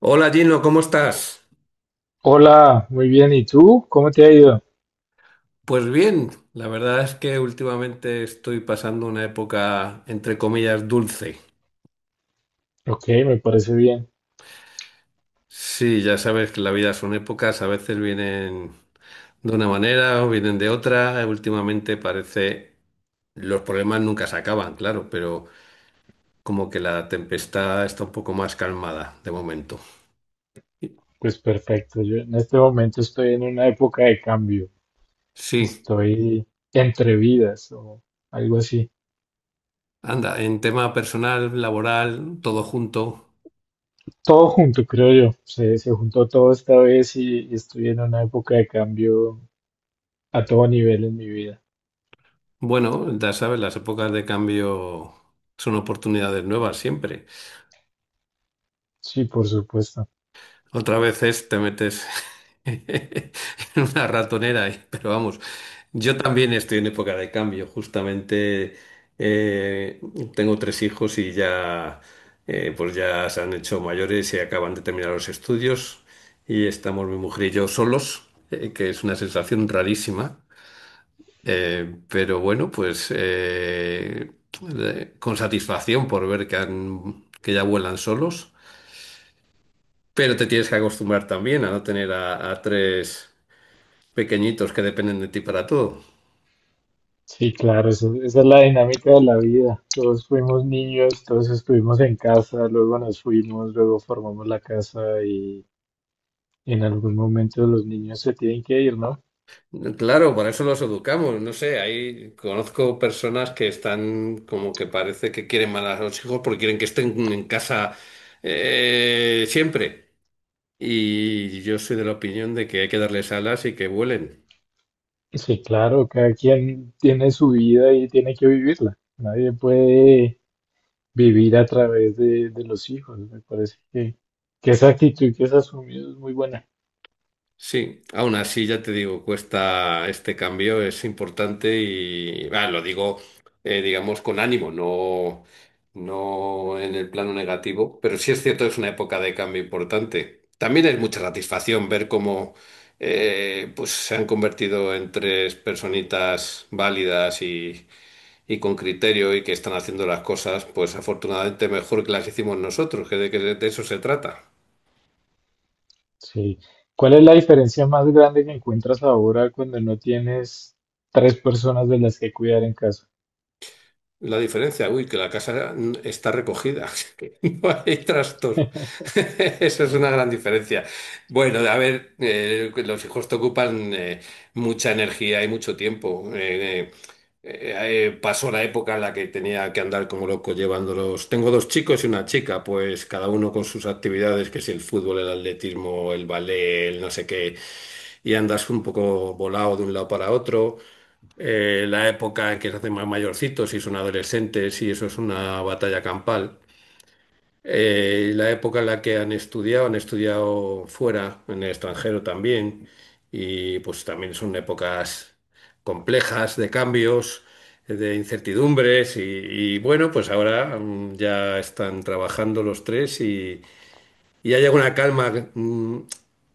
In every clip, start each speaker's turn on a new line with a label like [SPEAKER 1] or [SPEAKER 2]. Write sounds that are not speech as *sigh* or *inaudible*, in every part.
[SPEAKER 1] Hola Gino, ¿cómo estás?
[SPEAKER 2] Hola, muy bien. ¿Y tú? ¿Cómo te ha ido?
[SPEAKER 1] Pues bien, la verdad es que últimamente estoy pasando una época, entre comillas, dulce.
[SPEAKER 2] Ok, me parece bien.
[SPEAKER 1] Sí, ya sabes que la vida son épocas, a veces vienen de una manera o vienen de otra. Últimamente parece, los problemas nunca se acaban, claro, pero como que la tempestad está un poco más calmada de momento.
[SPEAKER 2] Pues perfecto. Yo en este momento estoy en una época de cambio.
[SPEAKER 1] Sí,
[SPEAKER 2] Estoy entre vidas o algo así.
[SPEAKER 1] anda, en tema personal, laboral, todo junto.
[SPEAKER 2] Todo junto, creo yo. Se juntó todo esta vez y estoy en una época de cambio a todo nivel en mi vida.
[SPEAKER 1] Bueno, ya sabes, las épocas de cambio son oportunidades nuevas siempre.
[SPEAKER 2] Sí, por supuesto.
[SPEAKER 1] Otra vez es, te metes *laughs* en una ratonera, pero vamos, yo también estoy en época de cambio. Justamente eh, tengo tres hijos y ya, pues ya se han hecho mayores y acaban de terminar los estudios y estamos mi mujer y yo solos, que es una sensación rarísima. Pero bueno, pues con satisfacción por ver que, que ya vuelan solos, pero te tienes que acostumbrar también a no tener a tres pequeñitos que dependen de ti para todo.
[SPEAKER 2] Sí, claro, esa es la dinámica de la vida. Todos fuimos niños, todos estuvimos en casa, luego nos fuimos, luego formamos la casa y en algún momento los niños se tienen que ir, ¿no?
[SPEAKER 1] Claro, para eso los educamos, no sé, ahí conozco personas que están como que parece que quieren mal a los hijos porque quieren que estén en casa siempre. Y yo soy de la opinión de que hay que darles alas y que vuelen.
[SPEAKER 2] Sí, claro, cada quien tiene su vida y tiene que vivirla. Nadie puede vivir a través de los hijos. Me parece que esa actitud que has asumido es muy buena.
[SPEAKER 1] Sí, aún así ya te digo, cuesta este cambio, es importante y lo digo, digamos, con ánimo, no, no en el plano negativo, pero sí es cierto, es una época de cambio importante. También es mucha satisfacción ver cómo pues se han convertido en tres personitas válidas y con criterio y que están haciendo las cosas, pues afortunadamente mejor que las hicimos nosotros, que de eso se trata.
[SPEAKER 2] Sí. ¿Cuál es la diferencia más grande que encuentras ahora cuando no tienes tres personas de las que cuidar en casa?
[SPEAKER 1] La diferencia, uy, que la casa está recogida, *laughs* que no hay trastos. *laughs* Eso es una gran diferencia. Bueno, a ver, los hijos te ocupan mucha energía y mucho tiempo. Eh, Pasó la época en la que tenía que andar como loco llevándolos. Tengo dos chicos y una chica, pues cada uno con sus actividades, que si el fútbol, el atletismo, el ballet, el no sé qué, y andas un poco volado de un lado para otro. La época en que se hacen más mayorcitos y son adolescentes y eso es una batalla campal. La época en la que han estudiado fuera, en el extranjero también, y pues también son épocas complejas de cambios, de incertidumbres y bueno, pues ahora ya están trabajando los tres y hay alguna calma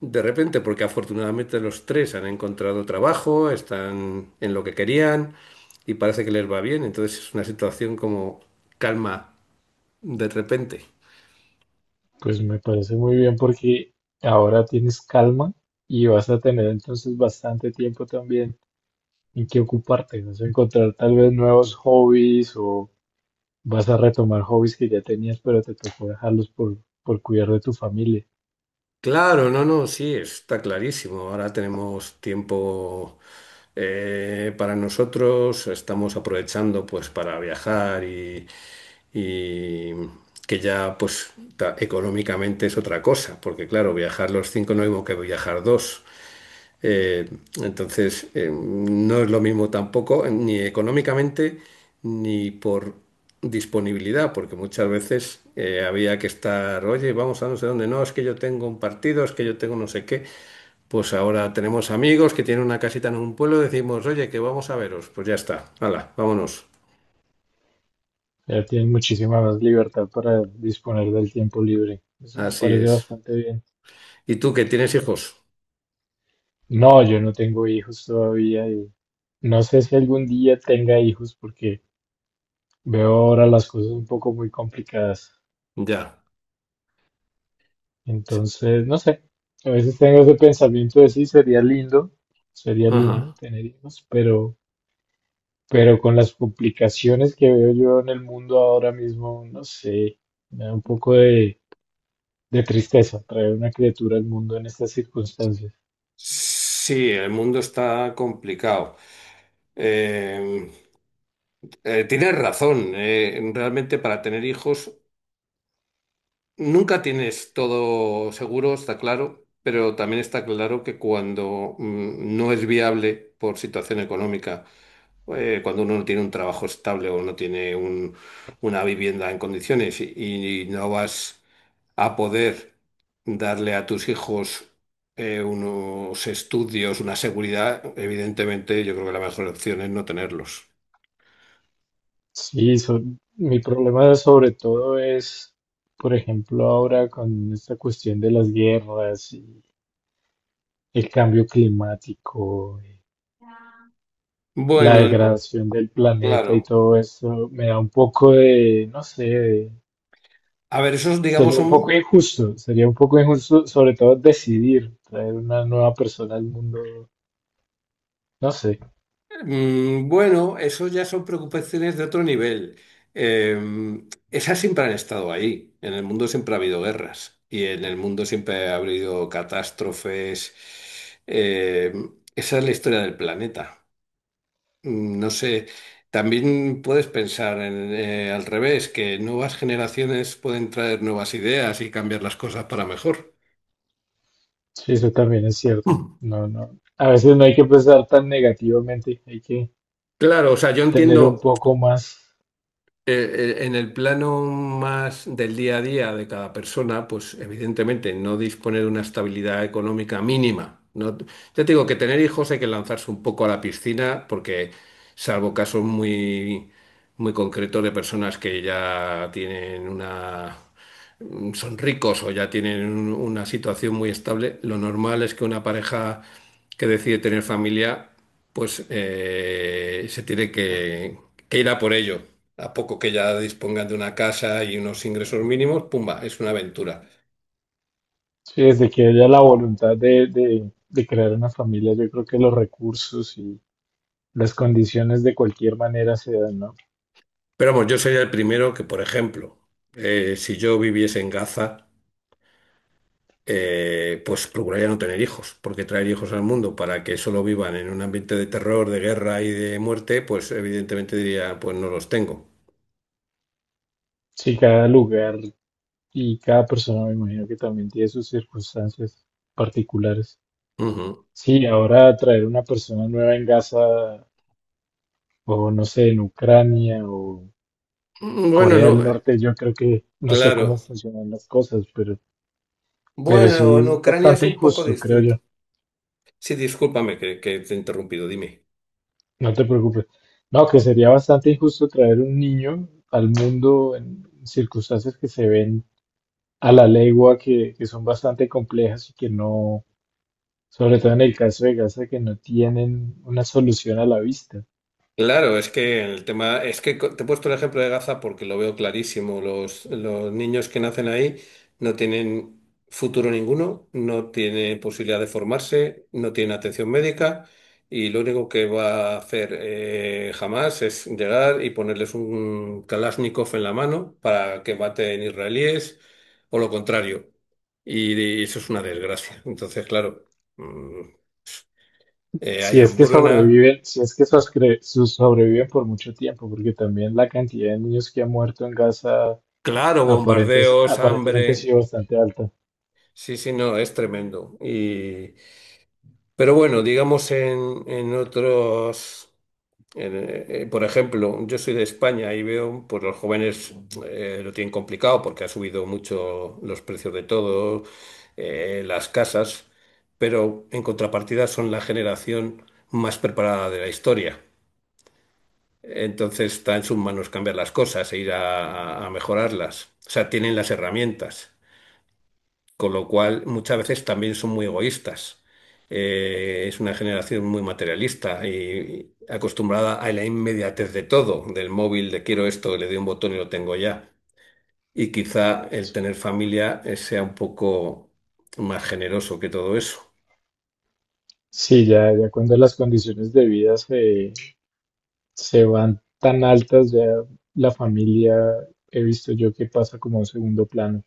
[SPEAKER 1] de repente, porque afortunadamente los tres han encontrado trabajo, están en lo que querían y parece que les va bien. Entonces es una situación como calma de repente.
[SPEAKER 2] Pues me parece muy bien porque ahora tienes calma y vas a tener entonces bastante tiempo también en qué ocuparte. Vas a encontrar tal vez nuevos hobbies o vas a retomar hobbies que ya tenías, pero te tocó dejarlos por cuidar de tu familia.
[SPEAKER 1] Claro, no, no, sí, está clarísimo. Ahora tenemos tiempo para nosotros, estamos aprovechando pues para viajar y que ya económicamente es otra cosa, porque claro, viajar los cinco no es lo mismo que viajar dos. Eh, entonces, no es lo mismo tampoco, ni económicamente, ni por disponibilidad, porque muchas veces había que estar, oye, vamos a no sé dónde, no, es que yo tengo un partido, es que yo tengo no sé qué. Pues ahora tenemos amigos que tienen una casita en un pueblo, decimos, oye, que vamos a veros. Pues ya está, hala, vámonos.
[SPEAKER 2] Ya tienes muchísima más libertad para disponer del tiempo libre. Eso me
[SPEAKER 1] Así
[SPEAKER 2] parece
[SPEAKER 1] es.
[SPEAKER 2] bastante bien.
[SPEAKER 1] ¿Y tú que tienes hijos?
[SPEAKER 2] No, yo no tengo hijos todavía y no sé si algún día tenga hijos porque veo ahora las cosas un poco muy complicadas.
[SPEAKER 1] Ya.
[SPEAKER 2] Entonces, no sé. A veces tengo ese pensamiento de sí, sería lindo
[SPEAKER 1] Ajá.
[SPEAKER 2] tener hijos, pero con las complicaciones que veo yo en el mundo ahora mismo, no sé, me da un poco de tristeza traer una criatura al mundo en estas circunstancias.
[SPEAKER 1] Sí, el mundo está complicado. Eh, Tienes razón. Realmente para tener hijos nunca tienes todo seguro, está claro, pero también está claro que cuando no es viable por situación económica, cuando uno no tiene un trabajo estable o no tiene un- una vivienda en condiciones y no vas a poder darle a tus hijos unos estudios, una seguridad, evidentemente yo creo que la mejor opción es no tenerlos.
[SPEAKER 2] Sí, mi problema sobre todo es, por ejemplo, ahora con esta cuestión de las guerras y el cambio climático, la
[SPEAKER 1] Bueno, el-
[SPEAKER 2] degradación del planeta y
[SPEAKER 1] claro.
[SPEAKER 2] todo eso, me da un poco de, no sé,
[SPEAKER 1] A ver, esos, digamos,
[SPEAKER 2] sería un
[SPEAKER 1] son,
[SPEAKER 2] poco injusto, sería un poco injusto, sobre todo decidir traer una nueva persona al mundo. No sé,
[SPEAKER 1] bueno, eso ya son preocupaciones de otro nivel. Eh, Esas siempre han estado ahí. En el mundo siempre ha habido guerras y en el mundo siempre ha habido catástrofes. Eh, Esa es la historia del planeta. No sé, también puedes pensar en al revés, que nuevas generaciones pueden traer nuevas ideas y cambiar las cosas para mejor.
[SPEAKER 2] sí, eso también es cierto.
[SPEAKER 1] Mm.
[SPEAKER 2] No, no. A veces no hay que pensar tan negativamente, hay que
[SPEAKER 1] Claro, o sea, yo
[SPEAKER 2] tener un
[SPEAKER 1] entiendo.
[SPEAKER 2] poco más,
[SPEAKER 1] En el plano más del día a día de cada persona, pues evidentemente no dispone de una estabilidad económica mínima. No, ya te digo que tener hijos hay que lanzarse un poco a la piscina porque, salvo casos muy, muy concretos de personas que ya tienen una son ricos o ya una situación muy estable, lo normal es que una pareja que decide tener familia, pues se tiene que ir a por ello. A poco que ya dispongan de una casa y unos ingresos mínimos, pumba, es una aventura.
[SPEAKER 2] sí, desde que haya la voluntad de crear una familia, yo creo que los recursos y las condiciones de cualquier manera se dan, ¿no?
[SPEAKER 1] Pero vamos, yo sería el primero que, por ejemplo, si yo viviese en Gaza, pues procuraría no tener hijos, porque traer hijos al mundo para que solo vivan en un ambiente de terror, de guerra y de muerte, pues evidentemente diría, pues no los tengo.
[SPEAKER 2] Sí, cada lugar y cada persona me imagino que también tiene sus circunstancias particulares.
[SPEAKER 1] Ujú.
[SPEAKER 2] Sí, ahora traer una persona nueva en Gaza o no sé, en Ucrania o
[SPEAKER 1] Bueno,
[SPEAKER 2] Corea
[SPEAKER 1] no,
[SPEAKER 2] del
[SPEAKER 1] eh,
[SPEAKER 2] Norte, yo creo que no sé cómo
[SPEAKER 1] claro.
[SPEAKER 2] funcionan las cosas, pero
[SPEAKER 1] Bueno,
[SPEAKER 2] sí
[SPEAKER 1] en
[SPEAKER 2] es
[SPEAKER 1] Ucrania es
[SPEAKER 2] bastante
[SPEAKER 1] un poco
[SPEAKER 2] injusto, creo
[SPEAKER 1] distinto.
[SPEAKER 2] yo.
[SPEAKER 1] Sí, discúlpame que te he interrumpido, dime.
[SPEAKER 2] No te preocupes. No, que sería bastante injusto traer un niño al mundo en circunstancias que se ven a la legua, que son bastante complejas y que no, sobre todo en el caso de Gaza, que no tienen una solución a la vista.
[SPEAKER 1] Claro, es que el tema, te he puesto el ejemplo de Gaza porque lo veo clarísimo. Los niños que nacen ahí no tienen futuro ninguno, no tienen posibilidad de formarse, no tienen atención médica y lo único que va a hacer jamás es llegar y ponerles un Kalashnikov en la mano para que maten israelíes o lo contrario. Y eso es una desgracia. Entonces, claro, mm, hay
[SPEAKER 2] Si es que
[SPEAKER 1] hambruna,
[SPEAKER 2] sobreviven, si es que sobreviven por mucho tiempo, porque también la cantidad de niños que ha muerto en Gaza
[SPEAKER 1] claro,
[SPEAKER 2] aparentes,
[SPEAKER 1] bombardeos,
[SPEAKER 2] aparentemente ha sido
[SPEAKER 1] hambre.
[SPEAKER 2] bastante alta.
[SPEAKER 1] Sí, sí, no, es tremendo. Y, pero bueno, digamos en otros, por ejemplo, yo soy de España y veo, pues los jóvenes lo tienen complicado porque ha subido mucho los precios de todo, las casas, pero en contrapartida son la generación más preparada de la historia. Entonces está en sus manos cambiar las cosas e ir a mejorarlas. O sea, tienen las herramientas. Con lo cual, muchas veces también son muy egoístas. Es una generación muy materialista y acostumbrada a la inmediatez de todo, del móvil, de quiero esto, le doy un botón y lo tengo ya. Y quizá el tener familia sea un poco más generoso que todo eso.
[SPEAKER 2] Sí, ya, ya cuando las condiciones de vida se van tan altas, ya la familia he visto yo que pasa como a un segundo plano.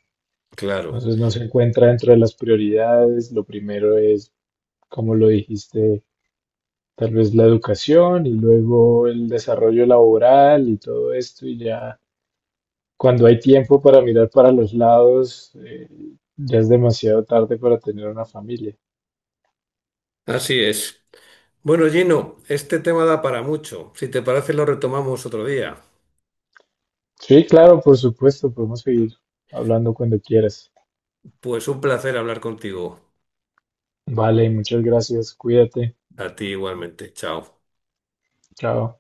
[SPEAKER 1] Claro,
[SPEAKER 2] Entonces no se encuentra dentro de las prioridades. Lo primero es, como lo dijiste, tal vez la educación y luego el desarrollo laboral y todo esto y ya cuando hay tiempo para mirar para los lados, ya es demasiado tarde para tener una familia.
[SPEAKER 1] así es. Bueno, Gino, este tema da para mucho. Si te parece, lo retomamos otro día.
[SPEAKER 2] Sí, claro, por supuesto, podemos seguir hablando cuando quieras.
[SPEAKER 1] Pues un placer hablar contigo.
[SPEAKER 2] Vale, muchas gracias, cuídate,
[SPEAKER 1] A ti igualmente. Chao.
[SPEAKER 2] chao.